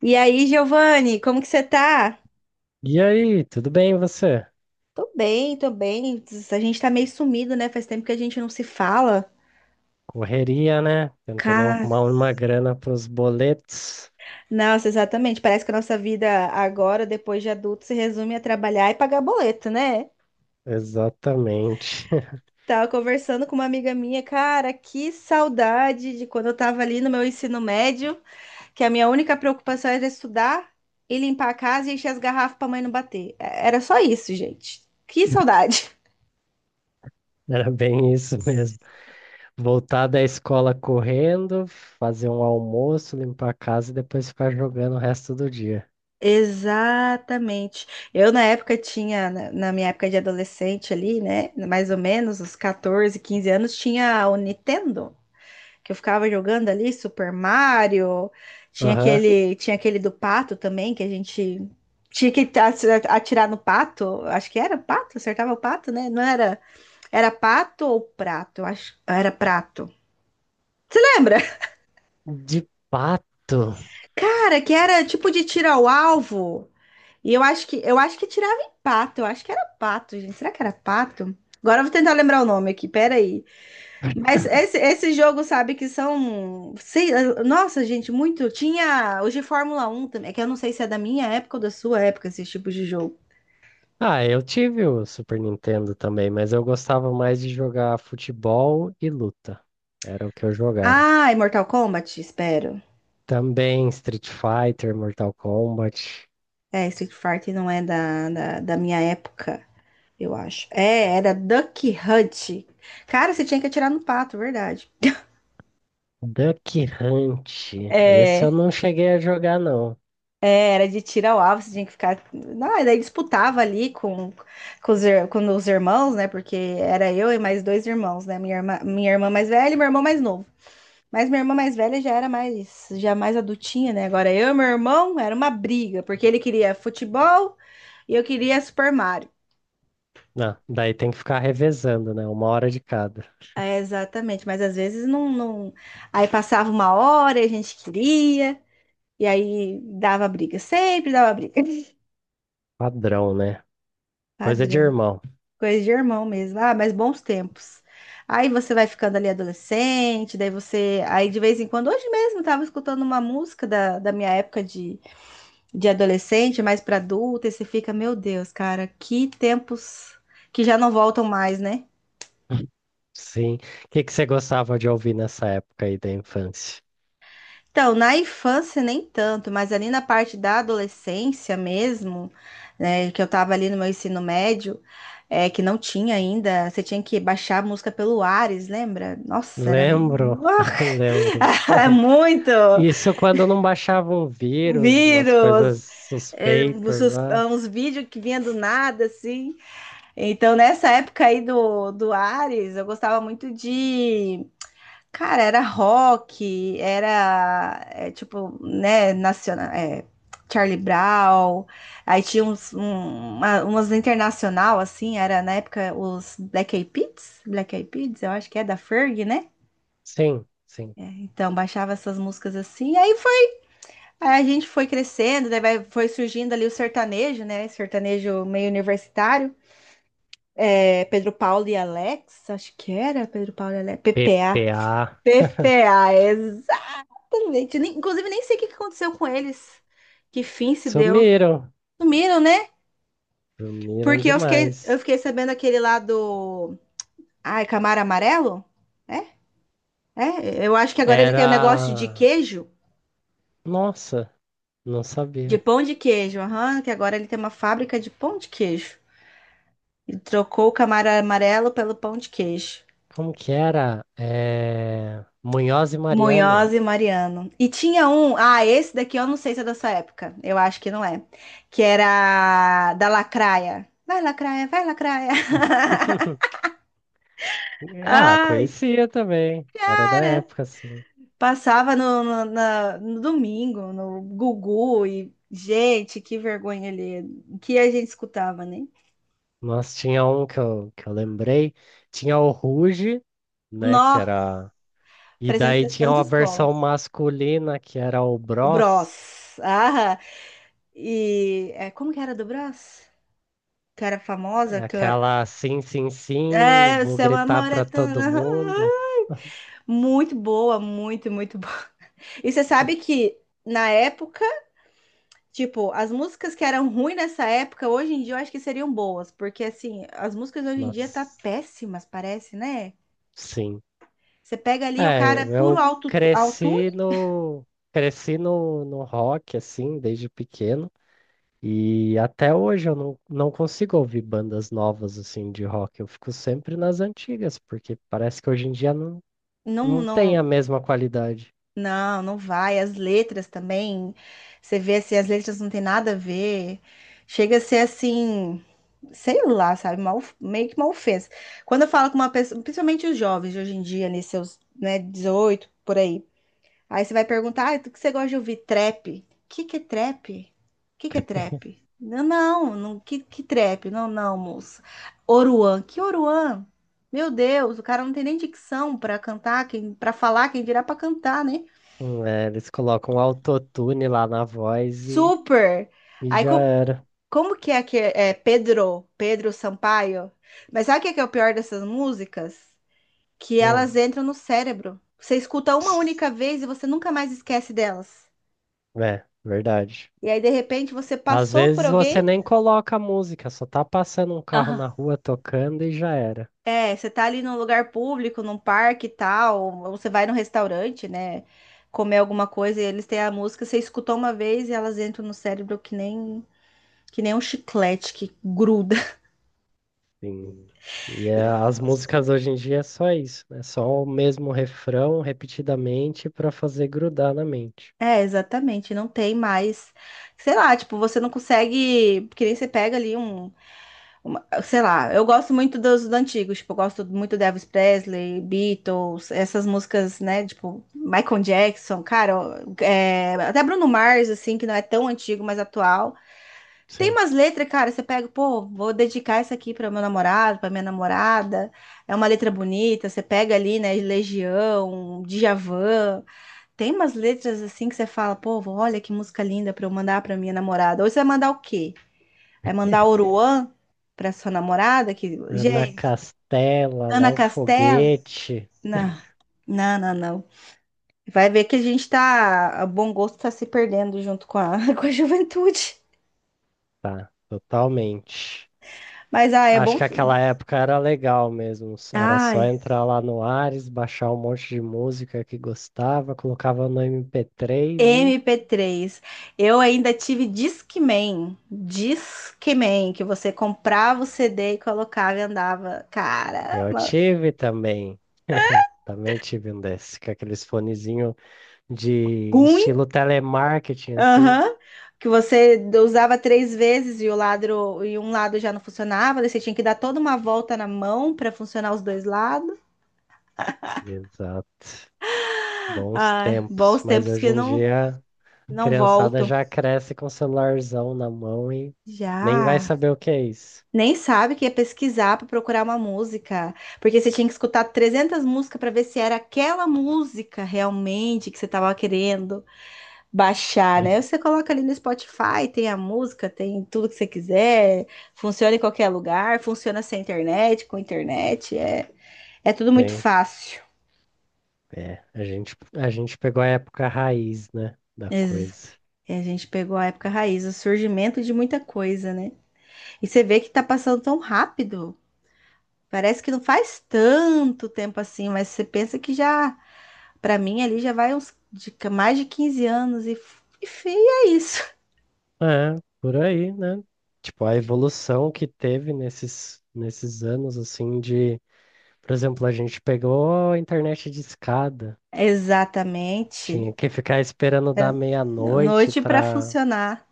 E aí, Giovanni, como que você tá? E aí, tudo bem e você? Tô bem, tô bem. A gente tá meio sumido, né? Faz tempo que a gente não se fala. Correria, né? Tentando Cara, arrumar uma grana para os boletos. nossa, exatamente. Parece que a nossa vida agora, depois de adulto, se resume a trabalhar e pagar boleto, né? Exatamente. Tava conversando com uma amiga minha, cara, que saudade de quando eu tava ali no meu ensino médio, que a minha única preocupação era estudar e limpar a casa e encher as garrafas pra mãe não bater. Era só isso, gente. Que saudade. Era bem isso mesmo. Voltar da escola correndo, fazer um almoço, limpar a casa e depois ficar jogando o resto do dia. Exatamente. Eu, na época, tinha, na minha época de adolescente ali, né? Mais ou menos, os 14, 15 anos, tinha o Nintendo, que eu ficava jogando ali, Super Mario. Tinha Aham. aquele, tinha aquele do pato também, que a gente tinha que atirar no pato. Acho que era pato, acertava o pato, né? Não era, era pato ou prato? Eu acho, era prato. Lembra? De pato. Cara, que era tipo de tiro ao alvo. E eu acho que tirava em pato, eu acho que era pato, gente. Será que era pato? Agora eu vou tentar lembrar o nome aqui, peraí. Mas esse jogo, sabe, que são. Sei, nossa, gente, muito. Tinha hoje Fórmula 1 também, é que eu não sei se é da minha época ou da sua época esses tipos de jogo. Ah, eu tive o Super Nintendo também, mas eu gostava mais de jogar futebol e luta. Era o que eu jogava. Ah, e Mortal Kombat, espero. Também Street Fighter, Mortal Kombat. É, Street Fighter não é da minha época, eu acho. É, era Duck Hunt. Cara, você tinha que atirar no pato, verdade. Duck Hunt. Esse eu É. não cheguei a jogar, não. É, era de tiro ao alvo, você tinha que ficar. Não, e daí disputava ali com os irmãos, né? Porque era eu e mais dois irmãos, né? Minha irmã mais velha e meu irmão mais novo. Mas minha irmã mais velha já era mais, já mais adultinha, né? Agora eu e meu irmão era uma briga, porque ele queria futebol e eu queria Super Mario. Não, daí tem que ficar revezando, né? Uma hora de cada. É, exatamente, mas às vezes não, não. Aí passava uma hora e a gente queria, e aí dava briga, sempre dava briga. Padrão, né? Coisa de Padrão. irmão. Coisa de irmão mesmo. Ah, mas bons tempos. Aí você vai ficando ali adolescente, daí você. Aí de vez em quando, hoje mesmo, eu tava escutando uma música da minha época de adolescente, mais pra adulta, e você fica, meu Deus, cara, que tempos que já não voltam mais, né? Sim. O que você gostava de ouvir nessa época aí da infância? Então, na infância nem tanto, mas ali na parte da adolescência mesmo, né, que eu tava ali no meu ensino médio, é, que não tinha ainda, você tinha que baixar a música pelo Ares, lembra? Nossa, era Lembro, lembro. muito Isso quando não baixava um vírus, umas vírus, coisas é, suspeitas lá. uns vídeos que vinha do nada, assim. Então, nessa época aí do Ares, eu gostava muito de cara, era rock, era é, tipo, né, nacional, é, Charlie Brown, aí tinha uns, um, umas internacional, assim, era na época os Black Eyed Peas, eu acho que é da Ferg, né? Sim, sim. Então baixava essas músicas assim, aí foi, aí a gente foi crescendo, daí foi surgindo ali o sertanejo, né? Sertanejo meio universitário, é, Pedro Paulo e Alex, acho que era Pedro Paulo e Alex, PPA. PPA. PPA, exatamente. Inclusive, nem sei o que que aconteceu com eles. Que fim se deu. Sumiram, Sumiram, né? sumiram Porque eu fiquei, eu demais. fiquei sabendo aquele lá do. Ai, Camaro Amarelo? É? É? Eu acho que agora ele tem um negócio de Era. queijo. Nossa, não De sabia. pão de queijo. Aham, que agora ele tem uma fábrica de pão de queijo. Ele trocou o Camaro Amarelo pelo pão de queijo. Como que era? É... Munhoz e Mariano. Munhoz e Mariano. E tinha um. Ah, esse daqui eu não sei se é dessa época. Eu acho que não é. Que era da Lacraia. Vai, Lacraia, vai, Lacraia. Ah, Ah. conhecia também. Era da Cara, época, assim. passava no domingo, no Gugu e, gente, que vergonha ali. O que a gente escutava, né? Mas tinha um que eu lembrei. Tinha o Ruge, né? Que Nó, era. E daí tinha apresentação de uma escola. versão masculina, que era o O Bros. Bros. Ah, e é, como que era do Bros? Que era famosa, É, que eu- aquela, sim, sim, sim, é, o vou seu gritar amor é pra tão... todo mundo. Muito boa, muito, muito boa. E você sabe que na época tipo, as músicas que eram ruins nessa época, hoje em dia eu acho que seriam boas, porque assim, as músicas hoje em dia tá Nossa, péssimas, parece, né? sim. Você pega ali o É, cara é puro eu autotune, cresci no cresci no rock assim desde pequeno e até hoje eu não consigo ouvir bandas novas assim de rock. Eu fico sempre nas antigas porque parece que hoje em dia não, não tem a não, mesma qualidade. não, não vai. As letras também, você vê assim, as letras não tem nada a ver. Chega a ser assim, sei lá, sabe? Uma meio que uma ofensa. Quando eu falo com uma pessoa, principalmente os jovens de hoje em dia, ali seus, né, 18, por aí. Aí você vai perguntar, ah, o que você gosta de ouvir? Trap. O que que é trap? O que que é trap? Não, não, não, que trap? Não, não, moça. Oruan. Que Oruan? Meu Deus, o cara não tem nem dicção para cantar, quem, para falar, quem dirá para cantar, né? É, eles colocam autotune lá na voz Super. e Aí já era. como que é, é Pedro, Pedro Sampaio? Mas sabe o que que é o pior dessas músicas? Que Hum, elas entram no cérebro. Você escuta uma ps, única vez e você nunca mais esquece delas. é, verdade. E aí, de repente, você Às passou por vezes você alguém. nem coloca a música, só tá passando um carro Aham. na rua tocando e já era. É, você tá ali num lugar público, num parque e tal, ou você vai num restaurante, né? Comer alguma coisa e eles têm a música, você escutou uma vez e elas entram no cérebro que nem um chiclete que gruda. Sim, e é, as músicas hoje em dia é só isso, é só o mesmo refrão repetidamente para fazer grudar na mente. É, exatamente, não tem mais. Sei lá, tipo, você não consegue. Que nem você pega ali um. Sei lá, eu gosto muito dos antigos, tipo, eu gosto muito de Elvis Presley, Beatles, essas músicas, né, tipo, Michael Jackson, cara, ó, é, até Bruno Mars, assim, que não é tão antigo, mas atual. Tem Sim. umas letras, cara, você pega, pô, vou dedicar isso aqui para meu namorado, para minha namorada. É uma letra bonita, você pega ali, né, Legião, Djavan. Tem umas letras assim que você fala, pô, olha que música linda para eu mandar para minha namorada. Ou você vai mandar o quê? Vai mandar Oruan pra sua namorada? Que... Ana Gente, Castela, Ana Léo Castela? Foguete, Não, não, não, não. Vai ver que a gente tá. O bom gosto tá se perdendo junto com a, com a juventude. tá, totalmente. Mas, ah, é Acho bom. que aquela época era legal mesmo, era só Ai, entrar lá no Ares, baixar um monte de música que gostava, colocava no MP3 e MP3. Eu ainda tive Discman. Discman, que você comprava o CD e colocava e andava. Cara, eu tive também. Também tive um desses, com aqueles fonezinho de ruim. estilo telemarketing, assim. Aham. Que você usava 3 vezes e o lado e um lado já não funcionava, daí você tinha que dar toda uma volta na mão para funcionar os dois lados. Exato. Bons Ai, tempos. bons Mas tempos hoje que em não dia, a não criançada voltam. já cresce com o celularzão na mão e nem vai Já saber o que é isso. nem sabe que ia pesquisar para procurar uma música, porque você tinha que escutar 300 músicas para ver se era aquela música realmente que você estava querendo. Baixar, Hum. né? Você coloca ali no Spotify, tem a música, tem tudo que você quiser, funciona em qualquer lugar, funciona sem internet, com internet, é, é tudo muito Sim. fácil. É, a gente pegou a época raiz, né, da Ex- coisa. e a gente pegou a época raiz, o surgimento de muita coisa, né? E você vê que tá passando tão rápido. Parece que não faz tanto tempo assim, mas você pensa que já, pra mim ali já vai uns mais de 15 anos e, e é isso. É, por aí, né? Tipo, a evolução que teve nesses anos, assim, de... Por exemplo, a gente pegou a internet de escada. Exatamente. Tinha que ficar esperando dar Era meia-noite noite pra funcionar.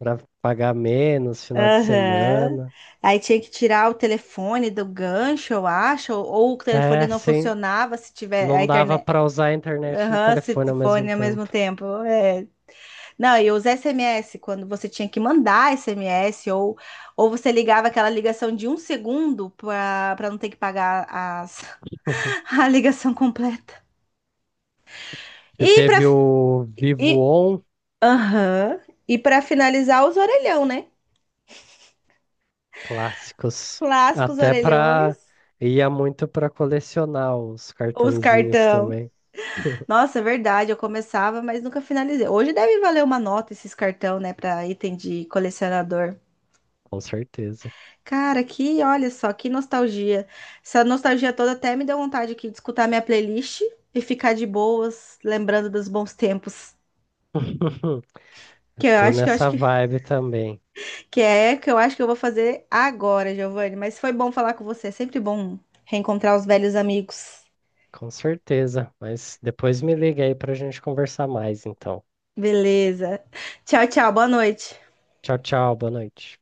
para pagar menos, final de Aham. semana. Aí tinha que tirar o telefone do gancho, eu acho, ou o telefone É, não sim, funcionava se tiver a não dava internet. para usar a internet e Aham, se telefone t- ao mesmo fone ao mesmo tempo. tempo. É. Não, e os SMS, quando você tinha que mandar SMS, ou você ligava aquela ligação de 1 segundo para não ter que pagar as, a ligação completa. Você E para teve o Vivo e, On, aham, e para finalizar, os orelhão, né? clássicos, Clássicos até para orelhões, ia muito para colecionar os os cartõezinhos cartão. também. Nossa, é verdade, eu começava, mas nunca finalizei. Hoje deve valer uma nota esses cartão, né, para item de colecionador. Com certeza. Cara, que, olha só, que nostalgia. Essa nostalgia toda até me deu vontade aqui de escutar minha playlist e ficar de boas, lembrando dos bons tempos. Que eu Tô acho que nessa vibe também. Eu acho que eu vou fazer agora, Giovanni. Mas foi bom falar com você. É sempre bom reencontrar os velhos amigos. Com certeza. Mas depois me liga aí pra gente conversar mais, então. Beleza. Tchau, tchau. Boa noite. Tchau, tchau. Boa noite.